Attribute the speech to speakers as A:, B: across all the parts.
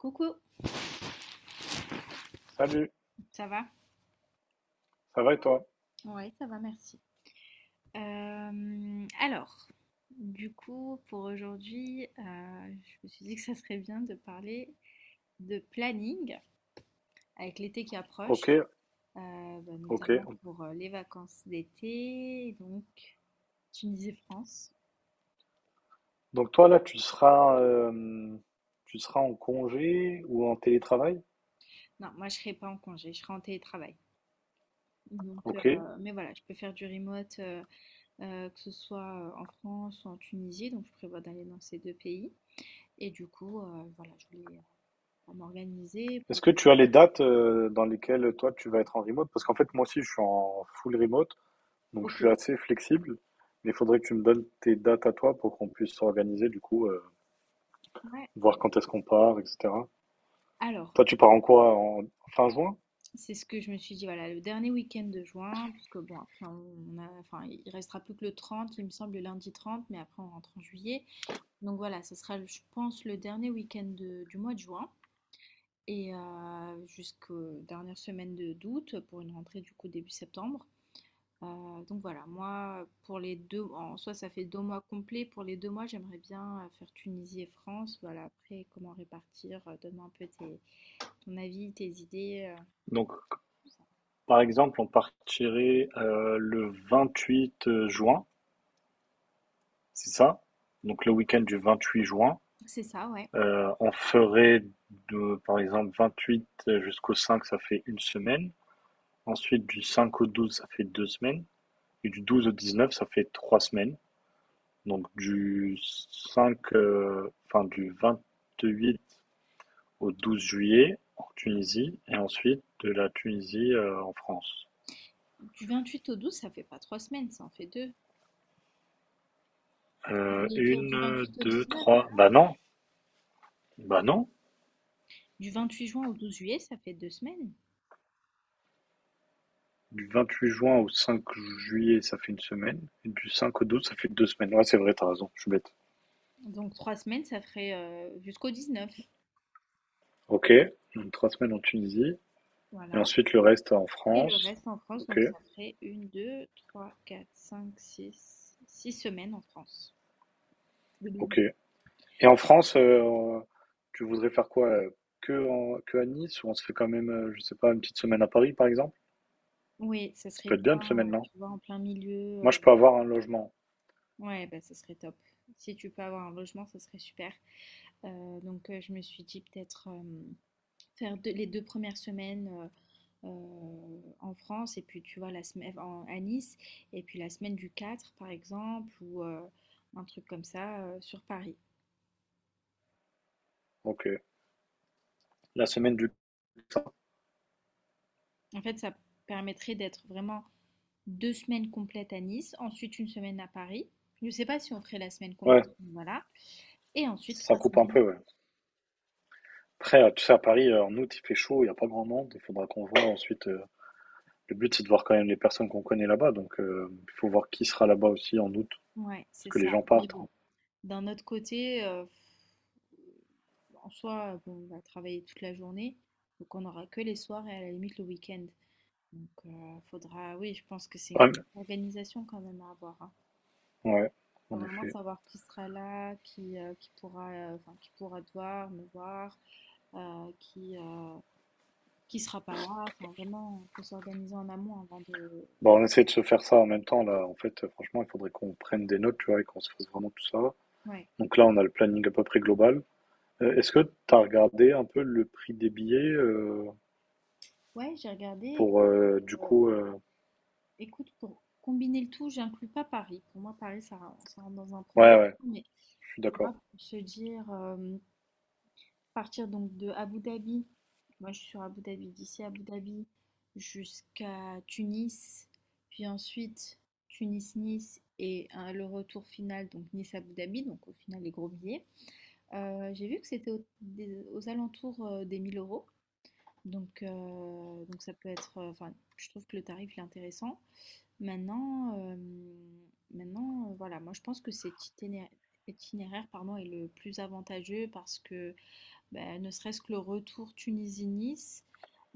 A: Coucou,
B: Salut,
A: ça va?
B: ça va et toi?
A: Ouais, ça va, merci. Alors, du coup, pour aujourd'hui, je me suis dit que ça serait bien de parler de planning avec l'été qui approche,
B: Ok,
A: bah,
B: ok.
A: notamment pour les vacances d'été. Donc, tu me disais France.
B: Donc toi là, tu seras en congé ou en télétravail?
A: Non, moi, je serai pas en congé, je serai en télétravail. Donc,
B: Ok.
A: mais voilà, je peux faire du remote, que ce soit en France ou en Tunisie. Donc, je prévois d'aller dans ces deux pays. Et du coup, voilà, je voulais à m'organiser
B: Est-ce
A: pour.
B: que tu as les dates dans lesquelles toi tu vas être en remote? Parce qu'en fait moi aussi je suis en full remote, donc je
A: Ok.
B: suis assez flexible. Mais il faudrait que tu me donnes tes dates à toi pour qu'on puisse s'organiser du coup,
A: Ouais,
B: voir quand est-ce qu'on part, etc.
A: alors,
B: Toi tu pars en quoi? En fin juin?
A: c'est ce que je me suis dit, voilà, le dernier week-end de juin, parce que bon, après, on a, enfin, il restera plus que le 30, il me semble, le lundi 30, mais après, on rentre en juillet. Donc voilà, ce sera, je pense, le dernier week-end du mois de juin, et jusqu'aux dernières semaines de d'août, pour une rentrée, du coup, début septembre. Donc voilà, moi, pour les deux, en soi, ça fait 2 mois complets. Pour les 2 mois, j'aimerais bien faire Tunisie et France. Voilà, après, comment répartir, donne-moi un peu tes ton avis, tes idées.
B: Donc
A: Tout ça.
B: par exemple on partirait le 8 juin. C'est ça. Donc le week-end du 28 juin,
A: C'est ça, ouais.
B: on ferait de, par exemple 28 jusqu'au 5, ça fait 1 semaine. Ensuite du 5 au 12, ça fait 2 semaines. Et du 12 au 19, ça fait 3 semaines. Donc du 5, enfin du 28 au 12 juillet en Tunisie et ensuite de la Tunisie en France.
A: Du 28 au 12, ça fait pas 3 semaines, ça en fait deux. Je voulais dire du
B: Une,
A: 28 au
B: deux,
A: 19,
B: trois.
A: alors.
B: Bah non, bah non.
A: Du 28 juin au 12 juillet, ça fait 2 semaines.
B: Du vingt-huit juin au 5 juillet, ça fait 1 semaine. Et du 5 au 12, ça fait 2 semaines. Ouais, c'est vrai, t'as raison, je suis bête.
A: Donc 3 semaines, ça ferait jusqu'au 19.
B: OK, donc 3 semaines en Tunisie et
A: Voilà.
B: ensuite le reste en
A: Et le
B: France.
A: reste en France,
B: OK,
A: donc ça ferait une, deux, trois, quatre, cinq, six, 6 semaines en France. Le double.
B: OK. Et en France, tu voudrais faire quoi, que en que à Nice ou on se fait quand même, je sais pas, une petite semaine à Paris, par exemple?
A: Oui, ça
B: Ça
A: serait
B: peut être
A: bien,
B: bien une semaine, non?
A: tu vois, en plein milieu.
B: Moi, je peux avoir un logement.
A: Ouais, bah, ça serait top. Si tu peux avoir un logement, ça serait super. Donc, je me suis dit peut-être faire deux les 2 premières semaines, en France et puis tu vois la semaine en à Nice et puis la semaine du 4 par exemple ou un truc comme ça, sur Paris.
B: OK. La semaine du
A: En fait, ça permettrait d'être vraiment 2 semaines complètes à Nice, ensuite 1 semaine à Paris. Je ne sais pas si on ferait la semaine complète,
B: Ouais,
A: mais voilà, et ensuite
B: ça
A: trois
B: coupe un
A: semaines
B: peu, ouais. Après, tu sais, à Paris, en août, il fait chaud, il y a pas grand monde. Il faudra qu'on voit ensuite. Le but, c'est de voir quand même les personnes qu'on connaît là-bas. Donc, il faut voir qui sera là-bas aussi en août,
A: Ouais,
B: parce
A: c'est
B: que
A: ça,
B: les gens
A: mais
B: partent,
A: bon,
B: hein.
A: d'un autre côté, en soi, bon, on va travailler toute la journée, donc on n'aura que les soirs et à la limite le week-end. Donc, faudra, oui, je pense que c'est une
B: Ouais,
A: grosse organisation quand même à avoir, hein.
B: ouais,
A: Faut
B: en
A: vraiment
B: effet.
A: savoir qui sera là, qui pourra, enfin qui pourra te voir, me voir, heu, qui, heu, qui sera pas là. Enfin vraiment, faut s'organiser en amont avant de.
B: Bon, on essaie de se faire ça en même temps, là. En fait, franchement, il faudrait qu'on prenne des notes, tu vois, et qu'on se fasse vraiment tout ça.
A: Ouais.
B: Donc là, on a le planning à peu près global. Est-ce que tu as regardé un peu le prix des billets
A: Ouais, j'ai regardé et
B: pour,
A: que
B: du coup.
A: écoute, pour combiner le tout, j'inclus pas Paris. Pour moi, Paris, ça rentre dans un premier
B: Ouais, ouais,
A: temps, mais
B: je suis
A: tu vois,
B: d'accord.
A: pour se dire, partir donc de Abu Dhabi, moi je suis sur Abu Dhabi, d'ici Abu Dhabi jusqu'à Tunis, puis ensuite Tunis-Nice et hein, le retour final, donc Nice-Abu Dhabi, donc au final les gros billets. J'ai vu que c'était aux alentours des 1 000 euros, donc, ça peut être, enfin je trouve que le tarif est intéressant. Maintenant, euh, maintenant, voilà, moi je pense que cet itinéraire, itinéraire pardon, est le plus avantageux parce que ben, ne serait-ce que le retour Tunisie-Nice,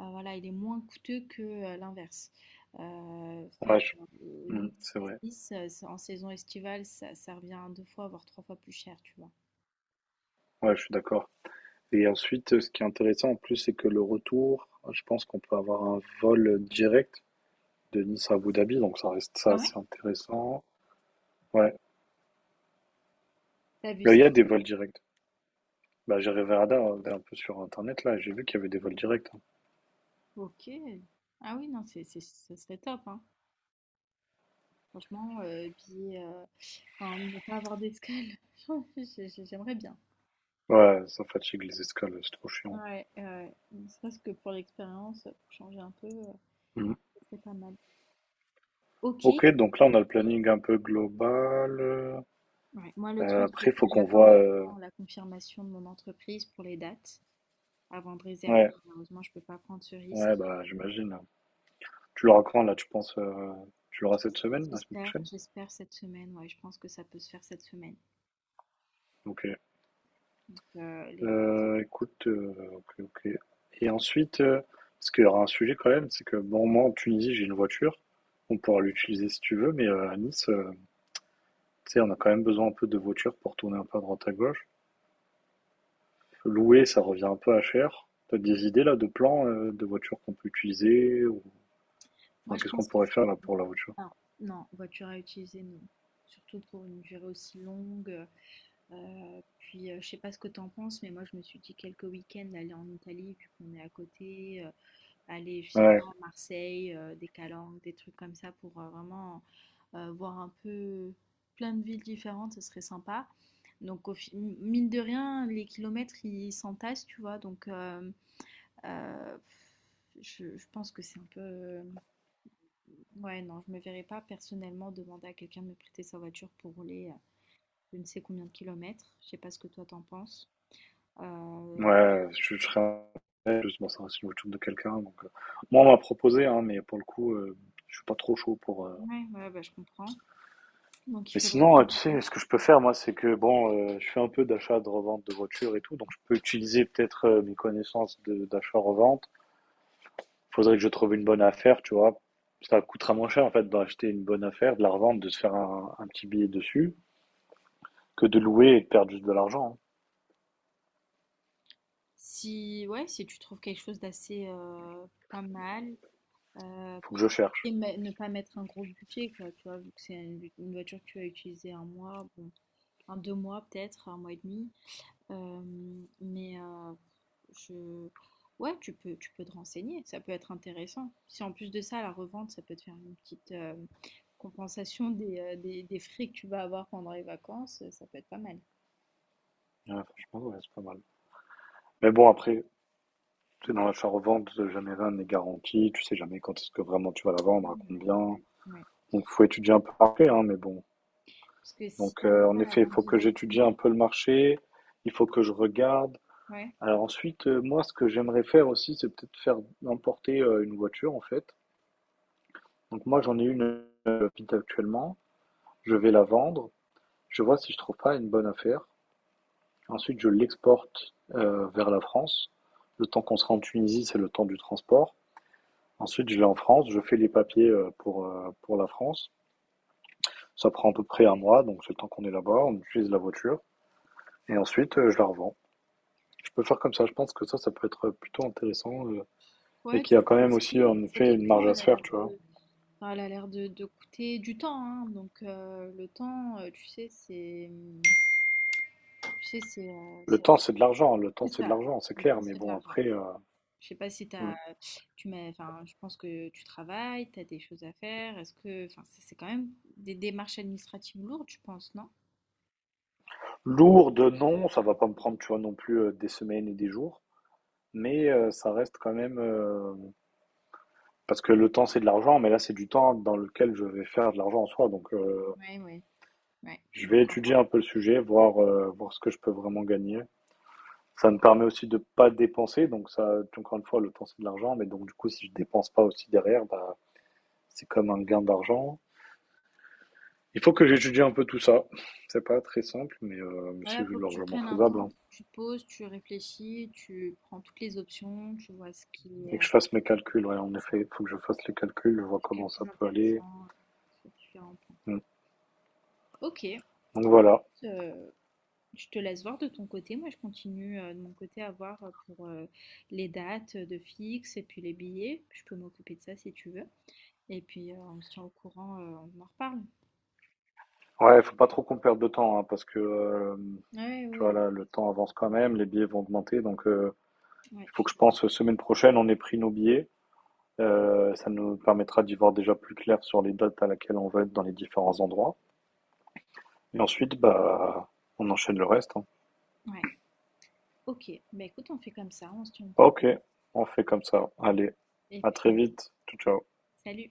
A: voilà, il est moins coûteux que l'inverse. Faire
B: Ouais. Hmm, c'est vrai.
A: Nice-Nice, en saison estivale, ça revient à deux fois, voire trois fois plus cher, tu vois.
B: Ouais, je suis d'accord. Et ensuite, ce qui est intéressant en plus, c'est que le retour, je pense qu'on peut avoir un vol direct de Nice à Abu Dhabi, donc ça reste ça,
A: Ah
B: c'est
A: ouais?
B: intéressant. Ouais.
A: T'as vu
B: Là, il
A: ça?
B: y a des vols directs. Bah, j'ai regardé un peu sur Internet, là, et j'ai vu qu'il y avait des vols directs, hein.
A: Ok. Ah oui, non, ça serait top, hein. Franchement, billet, enfin, ne pas avoir d'escale, j'aimerais bien.
B: Ouais, ça fatigue les escales, c'est trop chiant.
A: Ouais, ouais. Ne serait-ce que pour l'expérience, pour changer un peu,
B: Mhm.
A: ça pas mal. Ok. Et
B: Ok, donc là, on a le planning un peu global.
A: ouais, moi le truc c'est
B: Après, il faut
A: que
B: qu'on
A: j'attends
B: voit.
A: vraiment la confirmation de mon entreprise pour les dates avant de réserver.
B: Ouais,
A: Malheureusement, je peux pas prendre ce
B: ouais,
A: risque.
B: bah, j'imagine. Tu l'auras quand, là, tu penses? Tu l'auras cette semaine,
A: Je-
B: la semaine prochaine?
A: J'espère cette semaine. Ouais, je pense que ça peut se faire cette semaine.
B: Ok.
A: Donc, les... billets.
B: Écoute, OK, OK et ensuite, parce qu'il y aura un sujet quand même, c'est que bon, moi, en Tunisie, j'ai une voiture. On pourra l'utiliser si tu veux, mais, à Nice, tu sais, on a quand même besoin un peu de voiture pour tourner un peu à droite à gauche. Louer, ça revient un peu à cher. T'as des idées là de plans, de voitures qu'on peut utiliser ou
A: Moi,
B: enfin,
A: je
B: qu'est-ce qu'on
A: pense qu'il
B: pourrait
A: faut...
B: faire là pour la voiture?
A: Alors, non, voiture à utiliser, non. Surtout pour une durée aussi longue. Puis, je sais pas ce que t'en penses, mais moi, je me suis dit quelques week-ends aller en Italie, vu qu'on est à côté, aller, je sais pas,
B: Ouais,
A: à Marseille, des Calanques, des trucs comme ça, pour vraiment voir un peu plein de villes différentes, ce serait sympa. Donc, mine de rien, les kilomètres, ils s'entassent, tu vois. Donc, euh, je pense que c'est un peu... Ouais, non, je me verrais pas personnellement demander à quelqu'un de me prêter sa voiture pour rouler je ne sais combien de kilomètres. Je sais pas ce que toi t'en penses. Euh,
B: ouais, je serais en plus, bon, ça reste une voiture de quelqu'un donc, moi, on m'a proposé, hein, mais pour le coup, je suis pas trop chaud pour.
A: ouais, ouais, bah, je comprends. Donc, il
B: Mais
A: faudrait...
B: sinon, tu sais, ce que je peux faire, moi, c'est que, bon, je fais un peu d'achat, de revente de voitures et tout, donc je peux utiliser peut-être mes connaissances d'achat-revente. Faudrait que je trouve une bonne affaire, tu vois. Ça coûtera moins cher, en fait, d'acheter une bonne affaire, de la revendre, de se faire un petit billet dessus, que de louer et de perdre juste de l'argent, hein.
A: Si, ouais, si tu trouves quelque chose d'assez pas mal. Euh,
B: Faut que je cherche.
A: Ne pas mettre un gros budget, quoi, tu vois, vu que c'est une voiture que tu vas utiliser 1 mois, bon, un deux mois peut-être, 1 mois et demi. Euh, mais, je... Ouais, tu peux, te renseigner, ça peut être intéressant. Si en plus de ça, la revente, ça peut te faire une petite compensation des frais que tu vas avoir pendant les vacances, ça peut être pas mal.
B: Ouais, franchement, ouais, c'est pas mal. Mais bon, après, tu sais, dans l'achat-revente, jamais rien n'est garanti. Tu sais jamais quand est-ce que vraiment tu vas la vendre,
A: Oui,
B: à
A: ouais,
B: combien.
A: ouais, ouais.
B: Donc, faut étudier un peu après, hein, mais bon.
A: Parce que si tu
B: Donc,
A: n'arrives
B: en
A: pas à la
B: effet, il
A: vendre
B: faut que j'étudie un
A: directement,
B: peu le marché, il faut que je regarde.
A: ouais,
B: Alors ensuite, moi, ce que j'aimerais faire aussi, c'est peut-être faire importer une voiture, en fait. Donc moi, j'en ai une Fit actuellement. Je vais la vendre. Je vois si je trouve pas une bonne affaire. Ensuite, je l'exporte vers la France. Le temps qu'on sera en Tunisie, c'est le temps du transport. Ensuite, je l'ai en France. Je fais les papiers pour la France. Ça prend à peu près 1 mois, donc c'est le temps qu'on est là-bas. On utilise la voiture. Et ensuite, je la revends. Je peux faire comme ça, je pense que ça peut être plutôt intéressant. Et
A: ouais, tu
B: qu'il y a
A: peux
B: quand même
A: penser,
B: aussi en
A: cette
B: effet une
A: option,
B: marge à
A: elle
B: se
A: a
B: faire,
A: l'air
B: tu vois.
A: de... Enfin, elle a l'air de coûter du temps, hein. Donc le temps, tu sais, c'est, tu sais, c'est,
B: Le
A: c'est
B: temps, c'est de l'argent, le
A: c'est
B: temps, c'est de
A: ça.
B: l'argent, c'est
A: Le
B: clair,
A: temps,
B: mais
A: c'est de
B: bon,
A: l'argent.
B: après.
A: Je sais pas si
B: Hmm.
A: t'as, tu mets, enfin, je pense que tu travailles, tu as des choses à faire. Est-ce que, enfin, c'est quand même des démarches administratives lourdes, je pense, non?
B: Lourd de non, ça va pas me prendre, tu vois, non plus des semaines et des jours, mais ça reste quand même, parce que le temps, c'est de l'argent, mais là, c'est du temps dans lequel je vais faire de l'argent en soi, donc
A: Ouais, ouais, ouais. Tu
B: je vais
A: marques un
B: étudier
A: point.
B: un peu le sujet, voir ce que je peux vraiment gagner. Ça me permet aussi de pas dépenser, donc ça, encore une fois, le temps, c'est de l'argent, mais donc du coup, si je dépense pas aussi derrière, bah, c'est comme un gain d'argent. Il faut que j'étudie un peu tout ça. C'est pas très simple, mais
A: Voilà,
B: c'est
A: faut que tu
B: largement
A: prennes un temps,
B: faisable, hein.
A: tu te poses, tu réfléchis, tu prends toutes les options, tu vois ce qui est,
B: Et que je fasse mes calculs, ouais, en
A: c'est ça,
B: effet, il faut que je fasse les calculs, je vois
A: ce qui est le
B: comment ça
A: plus
B: peut aller.
A: intéressant sur différents points.
B: Mm.
A: Ok.
B: Donc voilà.
A: Euh, Je te laisse voir de ton côté. Moi, je continue de mon côté à voir pour les dates de fixe et puis les billets. Je peux m'occuper de ça si tu veux. Et puis, on se tient au courant, on en reparle.
B: Ouais, faut pas trop qu'on perde de temps, hein, parce que
A: Ouais,
B: tu
A: ouais,
B: vois
A: le
B: là,
A: contrat,
B: le
A: c'est,
B: temps avance quand même, les billets vont augmenter, donc
A: ouais,
B: il
A: je
B: faut
A: suis
B: que je
A: d'accord.
B: pense semaine prochaine, on ait pris nos billets. Ça nous permettra d'y voir déjà plus clair sur les dates à laquelle on va être dans les différents endroits. Et ensuite, bah, on enchaîne le reste, hein.
A: Ouais. Ok, bah écoute, on fait comme ça, on se tient au courant.
B: Ok, on fait
A: Et
B: comme
A: puis,
B: ça. Allez, à très
A: on...
B: vite. Ciao, ciao.
A: Salut!